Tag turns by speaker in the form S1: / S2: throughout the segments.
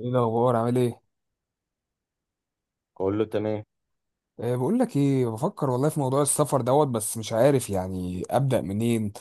S1: ايه الاخبار عامل ايه؟
S2: اقول له تمام.
S1: أه، بقول لك ايه، بفكر والله في موضوع السفر دوت بس مش عارف ابدا منين.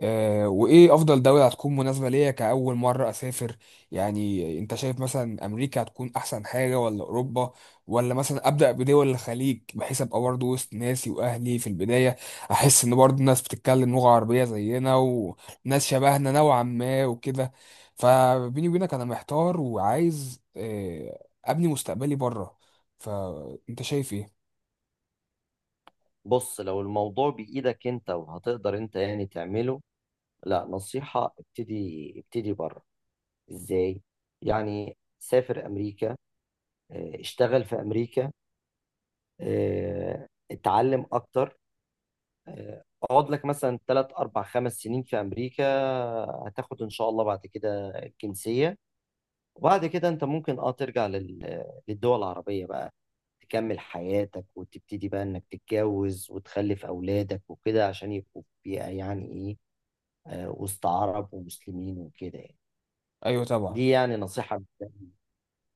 S1: آه، وايه افضل دولة هتكون مناسبة ليا كأول مرة اسافر؟ يعني انت شايف مثلا امريكا هتكون احسن حاجة ولا اوروبا، ولا مثلا ابدأ بدول الخليج بحيث ابقى برضه وسط ناسي واهلي في البداية؟ احس ان برضه الناس بتتكلم لغة عربية زينا وناس شبهنا نوعا ما وكده. فبيني وبينك انا محتار وعايز، آه، ابني مستقبلي بره. فانت شايف ايه؟
S2: بص، لو الموضوع بايدك انت وهتقدر انت يعني تعمله، لا، نصيحة ابتدي بره. ازاي؟ يعني سافر امريكا، اه، اشتغل في امريكا، اه، اتعلم اكتر، اه، اقعد لك مثلا 3 4 5 سنين في امريكا. هتاخد ان شاء الله بعد كده الجنسية، وبعد كده انت ممكن ترجع للدول العربية بقى، تكمل حياتك وتبتدي بقى انك تتجوز وتخلف اولادك وكده عشان يبقوا يعني ايه، وسط عرب ومسلمين وكده يعني.
S1: ايوه طبعا.
S2: دي يعني نصيحة مبدئية-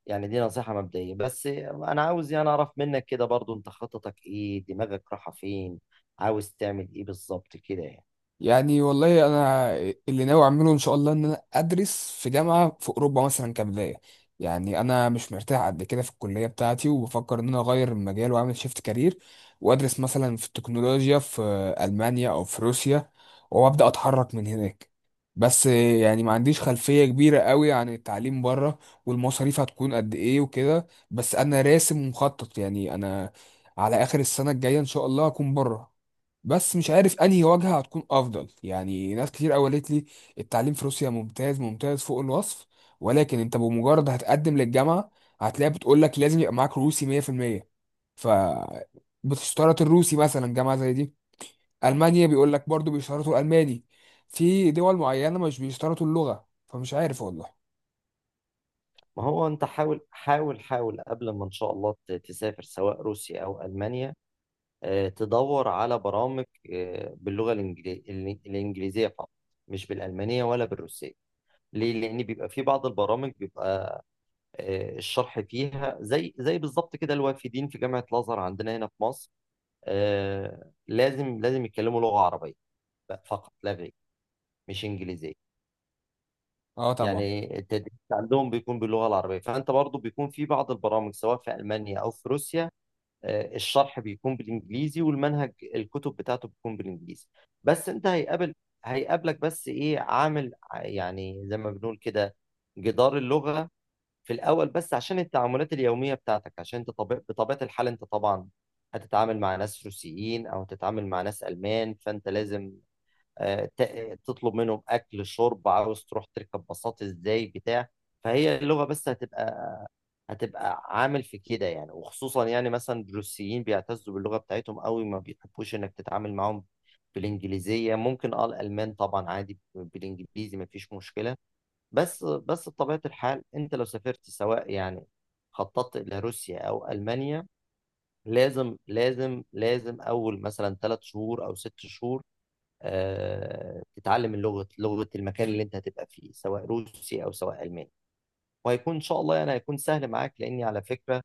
S2: يعني دي نصيحة مبدئية، بس انا عاوز يعني اعرف منك كده برضو، انت خططك ايه؟ دماغك رايحة فين؟ عاوز تعمل ايه بالظبط كده يعني؟
S1: يعني والله انا، اللي ناوي اعمله ان شاء الله ان انا ادرس في جامعه في اوروبا مثلا كبدايه. يعني انا مش مرتاح قد كده في الكليه بتاعتي، وبفكر ان انا اغير المجال واعمل شيفت كارير، وادرس مثلا في التكنولوجيا في المانيا او في روسيا، وابدا اتحرك من هناك. بس يعني ما عنديش خلفيه كبيره قوي عن التعليم بره والمصاريف هتكون قد ايه وكده، بس انا راسم ومخطط يعني انا على اخر السنه الجايه ان شاء الله هكون بره. بس مش عارف انهي واجهة هتكون افضل. يعني ناس كتير قوي قالت لي التعليم في روسيا ممتاز ممتاز فوق الوصف، ولكن انت بمجرد هتقدم للجامعة هتلاقي بتقول لك لازم يبقى معاك روسي 100%. ف بتشترط الروسي مثلا جامعة زي دي. المانيا بيقول لك برضو بيشترطوا الالماني. في دول معينة مش بيشترطوا اللغة، فمش عارف والله.
S2: ما هو انت حاول حاول حاول قبل ما ان شاء الله تسافر سواء روسيا او المانيا، تدور على برامج باللغة الإنجليزية فقط، مش بالألمانية ولا بالروسية. ليه؟ لأن بيبقى في بعض البرامج الشرح فيها زي بالظبط كده الوافدين في جامعة الأزهر عندنا هنا في مصر، لازم لازم يتكلموا لغة عربية بقى فقط لا غير، مش إنجليزية.
S1: اه طبعا.
S2: يعني التدريس عندهم بيكون باللغة العربية. فأنت برضو بيكون في بعض البرامج سواء في ألمانيا أو في روسيا الشرح بيكون بالانجليزي، والمنهج الكتب بتاعته بتكون بالانجليزي. بس انت هيقابلك، بس ايه، عامل يعني زي ما بنقول كده، جدار اللغة في الاول، بس عشان التعاملات اليومية بتاعتك. عشان انت بطبيعة الحال انت طبعا هتتعامل مع ناس روسيين او هتتعامل مع ناس المان، فانت لازم تطلب منهم اكل، شرب، عاوز تروح تركب باصات ازاي، بتاع. فهي اللغة بس هتبقى عامل في كده يعني، وخصوصا يعني مثلا الروسيين بيعتزوا باللغة بتاعتهم قوي، ما بيحبوش انك تتعامل معاهم بالانجليزية ممكن. اه الالمان طبعا عادي بالانجليزي، ما فيش مشكلة. بس بطبيعة الحال انت لو سافرت سواء يعني خططت الى روسيا او المانيا، لازم لازم لازم اول مثلا 3 شهور او 6 شهور تتعلم اللغة، لغة المكان اللي انت هتبقى فيه سواء روسي او سواء الماني. وهيكون ان شاء الله يعني هيكون سهل معاك، لاني على فكرة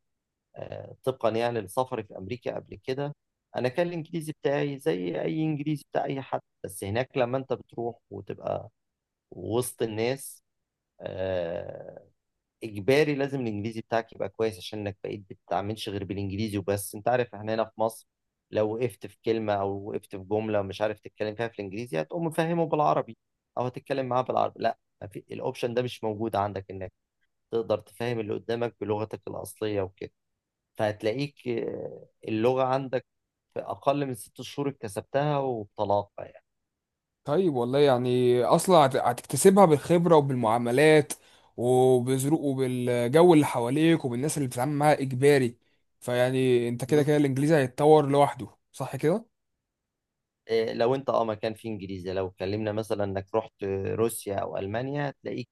S2: طبقا يعني لسفري في امريكا قبل كده، انا كان الانجليزي بتاعي زي اي انجليزي بتاع اي حد، بس هناك لما انت بتروح وتبقى وسط الناس آه، اجباري لازم الانجليزي بتاعك يبقى كويس، عشان انك بقيت بتتعاملش غير بالانجليزي وبس. انت عارف احنا هنا في مصر، لو وقفت في كلمة او وقفت في جملة مش عارف تتكلم فيها في الانجليزي، هتقوم مفهمه بالعربي او هتتكلم معاه بالعربي. لا، ما في، الاوبشن ده مش موجود عندك، انك تقدر تفهم اللي قدامك بلغتك الاصلية وكده. فهتلاقيك اللغة عندك في أقل من 6 شهور اكتسبتها وبطلاقة يعني.
S1: طيب والله يعني اصلا هتكتسبها بالخبره وبالمعاملات وبظروق وبالجو اللي حواليك وبالناس اللي بتتعامل معاها اجباري. فيعني انت كده كده
S2: بالظبط.
S1: الانجليزي هيتطور لوحده، صح كده؟
S2: لو أنت مكان فيه إنجليزي، لو اتكلمنا مثلا إنك رحت روسيا أو ألمانيا، هتلاقيك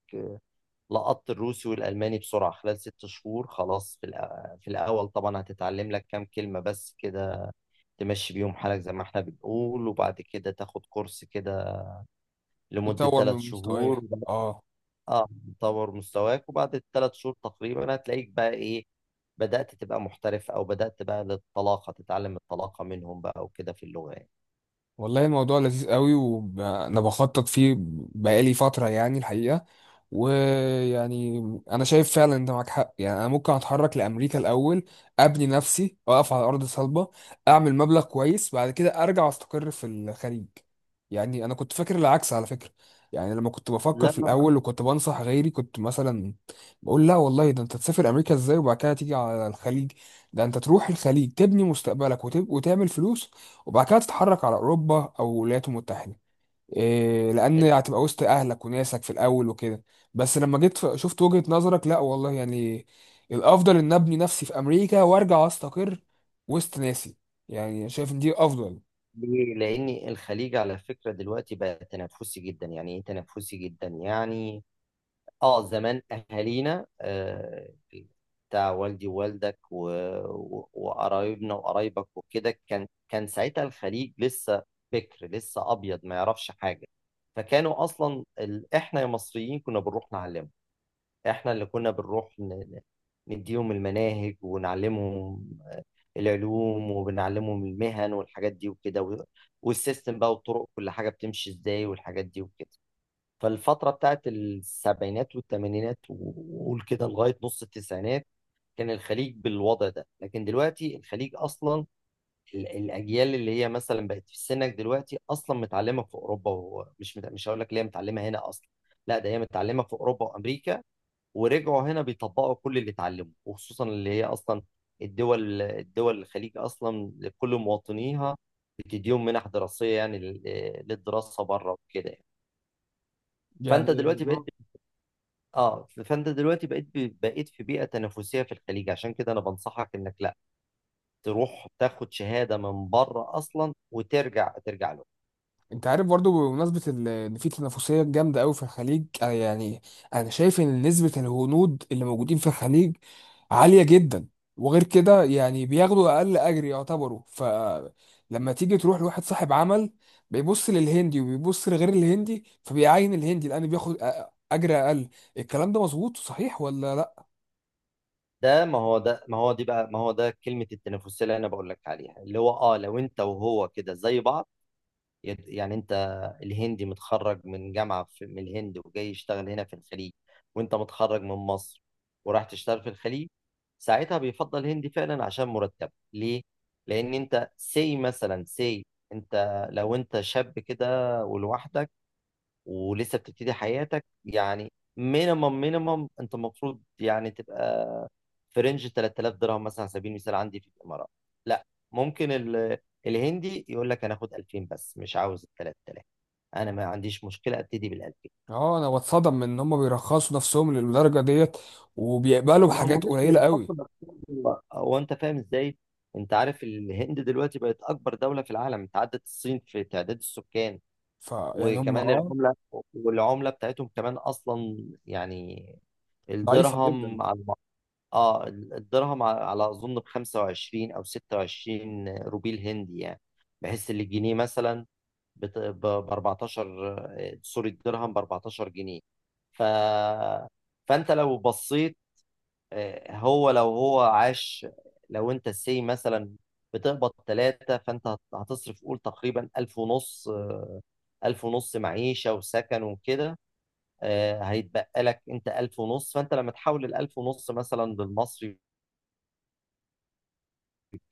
S2: لقطت الروسي والألماني بسرعة خلال 6 شهور. خلاص، في الأول طبعا هتتعلم لك كام كلمة بس كده، تمشي بيهم حالك زي ما احنا بنقول، وبعد كده تاخد كورس كده لمدة
S1: يطور
S2: ثلاث
S1: من مستواه،
S2: شهور
S1: اه.
S2: اه، تطور مستواك، وبعد ال 3 شهور تقريبا هتلاقيك بقى ايه، بدأت تبقى محترف، او بدأت بقى للطلاقة، تتعلم الطلاقة منهم بقى وكده في اللغة يعني.
S1: والله الموضوع لذيذ قوي وانا بخطط فيه بقالي فترة يعني الحقيقة. ويعني انا شايف فعلا انت معاك حق. يعني انا ممكن اتحرك لامريكا الاول، ابني نفسي، اقف على ارض صلبة، اعمل مبلغ كويس، بعد كده ارجع استقر في الخليج. يعني انا كنت فاكر العكس على فكرة. يعني لما كنت بفكر
S2: لا
S1: في
S2: لا لا.
S1: الاول وكنت بنصح غيري كنت مثلا بقول لا والله، ده انت تسافر امريكا ازاي وبعد كده تيجي على الخليج؟ ده انت تروح الخليج تبني مستقبلك وتعمل فلوس، وبعد كده تتحرك على اوروبا او الولايات المتحده. إيه؟ لان هتبقى وسط اهلك وناسك في الاول وكده. بس لما جيت شفت وجهة نظرك، لا والله يعني الافضل ان ابني نفسي في امريكا وارجع استقر وسط ناسي. يعني شايف ان دي افضل.
S2: ليه؟ لأن الخليج على فكرة دلوقتي بقى تنافسي جدا، يعني ايه تنافسي جدا يعني. اه، زمان اهالينا بتاع والدي ووالدك وقرايبنا وقرايبك وكده، كان ساعتها الخليج لسه بكر، لسه ابيض ما يعرفش حاجه. فكانوا اصلا احنا يا مصريين كنا بنروح نعلمهم، احنا اللي كنا بنروح نديهم المناهج ونعلمهم العلوم، وبنعلمهم المهن والحاجات دي وكده، والسيستم بقى والطرق، كل حاجه بتمشي ازاي، والحاجات دي وكده. فالفترة بتاعت السبعينات والثمانينات، وقول كده لغاية نص التسعينات، كان الخليج بالوضع ده. لكن دلوقتي الخليج أصلا الأجيال اللي هي مثلا بقت في سنك دلوقتي أصلا متعلمة في أوروبا، مش هقول لك ليه متعلمة هنا أصلا، لا ده هي متعلمة في أوروبا وأمريكا، ورجعوا هنا بيطبقوا كل اللي اتعلموه. وخصوصا اللي هي أصلا الدول، الخليج أصلا لكل مواطنيها بتديهم منح دراسية، يعني للدراسة بره وكده يعني. فانت
S1: يعني
S2: دلوقتي بقيت اه فانت دلوقتي بقيت في بيئه تنافسيه في الخليج، عشان كده انا بنصحك انك لا تروح تاخد شهاده من بره اصلا وترجع، ترجع له.
S1: انت عارف برضو بمناسبة ان في تنافسية جامدة قوي في الخليج. انا يعني انا شايف ان نسبة الهنود اللي موجودين في الخليج عالية جدا، وغير كده يعني بياخدوا اقل اجر يعتبروا. فلما تيجي تروح لواحد صاحب عمل، بيبص للهندي وبيبص لغير الهندي فبيعين الهندي لان بياخد اجر اقل. الكلام ده مظبوط صحيح ولا لا؟
S2: ده ما هو ده ما هو دي بقى ما هو ده كلمه التنافسيه اللي انا بقول لك عليها، اللي هو اه لو انت وهو كده زي بعض، يعني انت الهندي متخرج من جامعة في من الهند وجاي يشتغل هنا في الخليج، وانت متخرج من مصر وراح تشتغل في الخليج، ساعتها بيفضل هندي فعلا عشان مرتب. ليه؟ لأن انت سي مثلا سي، انت لو انت شاب كده ولوحدك ولسه بتبتدي حياتك، يعني مينيمم مينيمم انت المفروض يعني تبقى في رينج 3000 درهم مثلا على سبيل المثال عندي في الامارات. لا، ممكن الهندي يقول لك انا اخد 2000 بس، مش عاوز ال 3000، انا ما عنديش مشكله ابتدي بال 2000.
S1: اه، انا بتصدم من ان هم بيرخصوا نفسهم للدرجة ديت وبيقبلوا
S2: لو ما
S1: بحاجات
S2: مش
S1: قليلة قوي.
S2: للحصل، هو انت فاهم ازاي؟ انت عارف الهند دلوقتي بقت اكبر دوله في العالم، انت عدت الصين في تعداد السكان.
S1: فيعني هم
S2: وكمان
S1: اه.
S2: العملة، والعملة بتاعتهم كمان أصلا يعني،
S1: ضعيفة جدا.
S2: الدرهم على اه الدرهم على أظن ب 25 أو 26 روبيل هندي، يعني بحيث إن الجنيه مثلا ب 14. سوري، الدرهم ب 14 جنيه. ف فأنت لو بصيت هو لو هو عاش لو أنت سي مثلا بتقبض 3، فأنت هتصرف قول تقريبا 1500، 1500 معيشة وسكن وكده. هيتبقى لك أنت 1500، فأنت لما تحول ال 1500 مثلا للمصري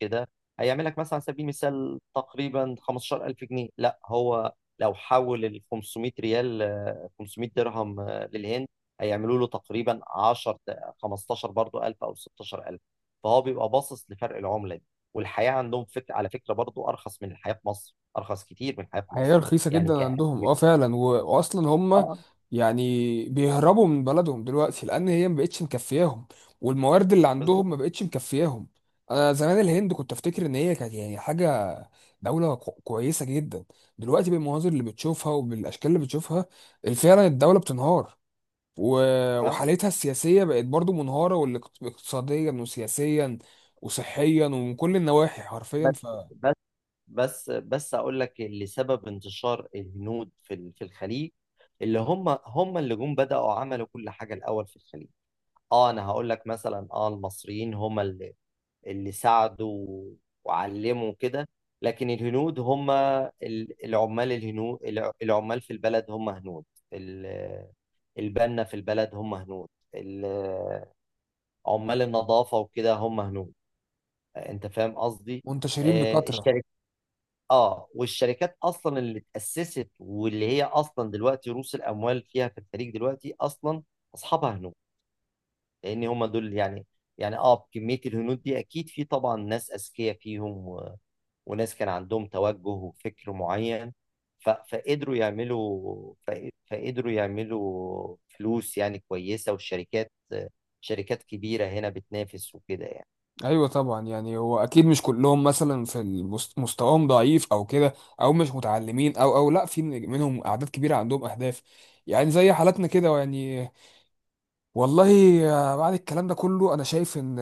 S2: كده، هيعمل لك مثلا على سبيل المثال تقريبا 15000 جنيه. لا، هو لو حول ال 500 ريال 500 درهم للهند، هيعملوا له تقريبا 10 15 برضه، 1000 أو 16000. فهو بيبقى باصص لفرق العملة دي، والحياة عندهم على فكرة برضو أرخص من الحياة في مصر، أرخص كتير من الحياة في
S1: هي
S2: مصر.
S1: رخيصة
S2: يعني
S1: جدا
S2: ك
S1: عندهم اه فعلا، و... واصلا هم
S2: اه
S1: يعني بيهربوا من بلدهم دلوقتي لان هي ما بقتش مكفياهم، والموارد اللي
S2: بالظبط.
S1: عندهم ما بقتش مكفياهم. انا زمان الهند كنت افتكر ان هي كانت يعني حاجة، كويسة جدا. دلوقتي بالمناظر اللي بتشوفها وبالاشكال اللي بتشوفها، فعلا الدولة بتنهار، و...
S2: اه،
S1: وحالتها السياسية بقت برضو منهارة، والاقتصاديا وسياسيا وصحيا ومن كل النواحي حرفيا.
S2: بس بس بس اقول لك اللي سبب انتشار الهنود في في الخليج، اللي هم اللي جم بدأوا عملوا كل حاجة الأول في الخليج. اه انا هقول لك، مثلا اه المصريين هم اللي ساعدوا وعلموا كده، لكن الهنود هم العمال. الهنود العمال في البلد هم هنود، ال- البنا في البلد هم هنود، ال- عمال النظافة وكده هم هنود. انت فاهم قصدي؟
S1: فمنتشرين
S2: آه،
S1: بكثرة.
S2: الشركات اه والشركات اصلا اللي اتاسست، واللي هي اصلا دلوقتي رؤوس الاموال فيها في الخليج دلوقتي اصلا اصحابها هنود. لان هم دول يعني، يعني اه كميه الهنود دي اكيد في طبعا ناس اذكياء فيهم وناس كان عندهم توجه وفكر معين، ف... فقدروا يعملوا ف... فقدروا يعملوا فلوس يعني كويسه، شركات كبيره هنا بتنافس وكده يعني.
S1: ايوه طبعا. يعني هو اكيد مش كلهم مثلا مستواهم ضعيف او كده، او مش متعلمين، او او لا، في منهم اعداد كبيره عندهم اهداف يعني زي حالاتنا كده يعني. والله بعد الكلام ده كله انا شايف ان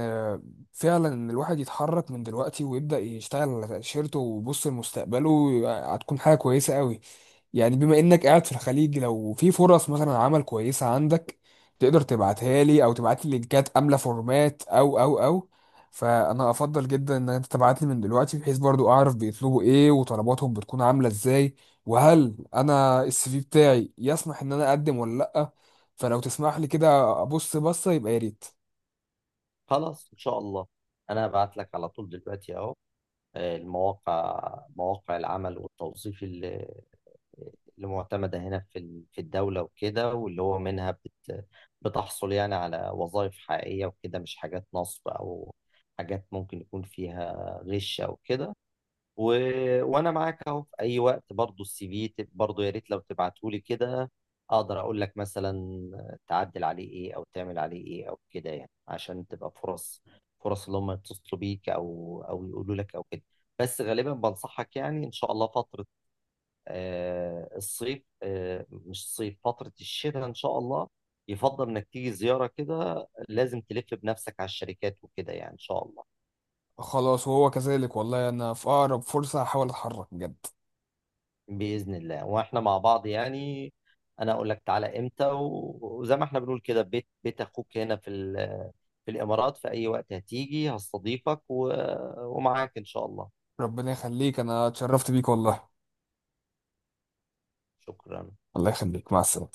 S1: فعلا إن الواحد يتحرك من دلوقتي ويبدا يشتغل على تاشيرته ويبص لمستقبله هتكون حاجه كويسه قوي. يعني بما انك قاعد في الخليج لو في فرص مثلا عمل كويسة عندك تقدر تبعتها لي، او تبعت لي لينكات كاملة فورمات او او او، فانا افضل جدا ان انت تبعت لي من دلوقتي بحيث برضو اعرف بيطلبوا ايه وطلباتهم بتكون عاملة ازاي، وهل انا السي في بتاعي يسمح ان انا اقدم ولا لا. فلو تسمح لي كده ابص بصة يبقى يا ريت.
S2: خلاص، ان شاء الله انا هبعت لك على طول دلوقتي اهو، مواقع العمل والتوظيف اللي معتمدة هنا في في الدولة وكده، واللي هو منها بتحصل يعني على وظائف حقيقية وكده، مش حاجات نصب أو حاجات ممكن يكون فيها غش أو كده. و... وانا معاك اهو في اي وقت. برضو السي في برضو يا ريت لو تبعته لي كده، اقدر اقول لك مثلا تعدل عليه ايه، او تعمل عليه ايه، او كده يعني، عشان تبقى فرص، اللي هم يتصلوا بيك او يقولوا لك او كده. بس غالبا بنصحك يعني، ان شاء الله فترة آه الصيف آه مش الصيف، فترة الشتاء ان شاء الله يفضل انك تيجي زيارة كده. لازم تلف بنفسك على الشركات وكده يعني ان شاء الله.
S1: خلاص وهو كذلك، والله انا في اقرب فرصة هحاول اتحرك بجد.
S2: بإذن الله، واحنا مع بعض يعني. انا اقول لك تعالى امتى، وزي ما احنا بنقول كده، بيت اخوك هنا في في الامارات، في اي وقت هتيجي هستضيفك، ومعاك ان شاء الله.
S1: ربنا يخليك، انا اتشرفت بيك والله.
S2: شكرا.
S1: الله يخليك، مع السلامة.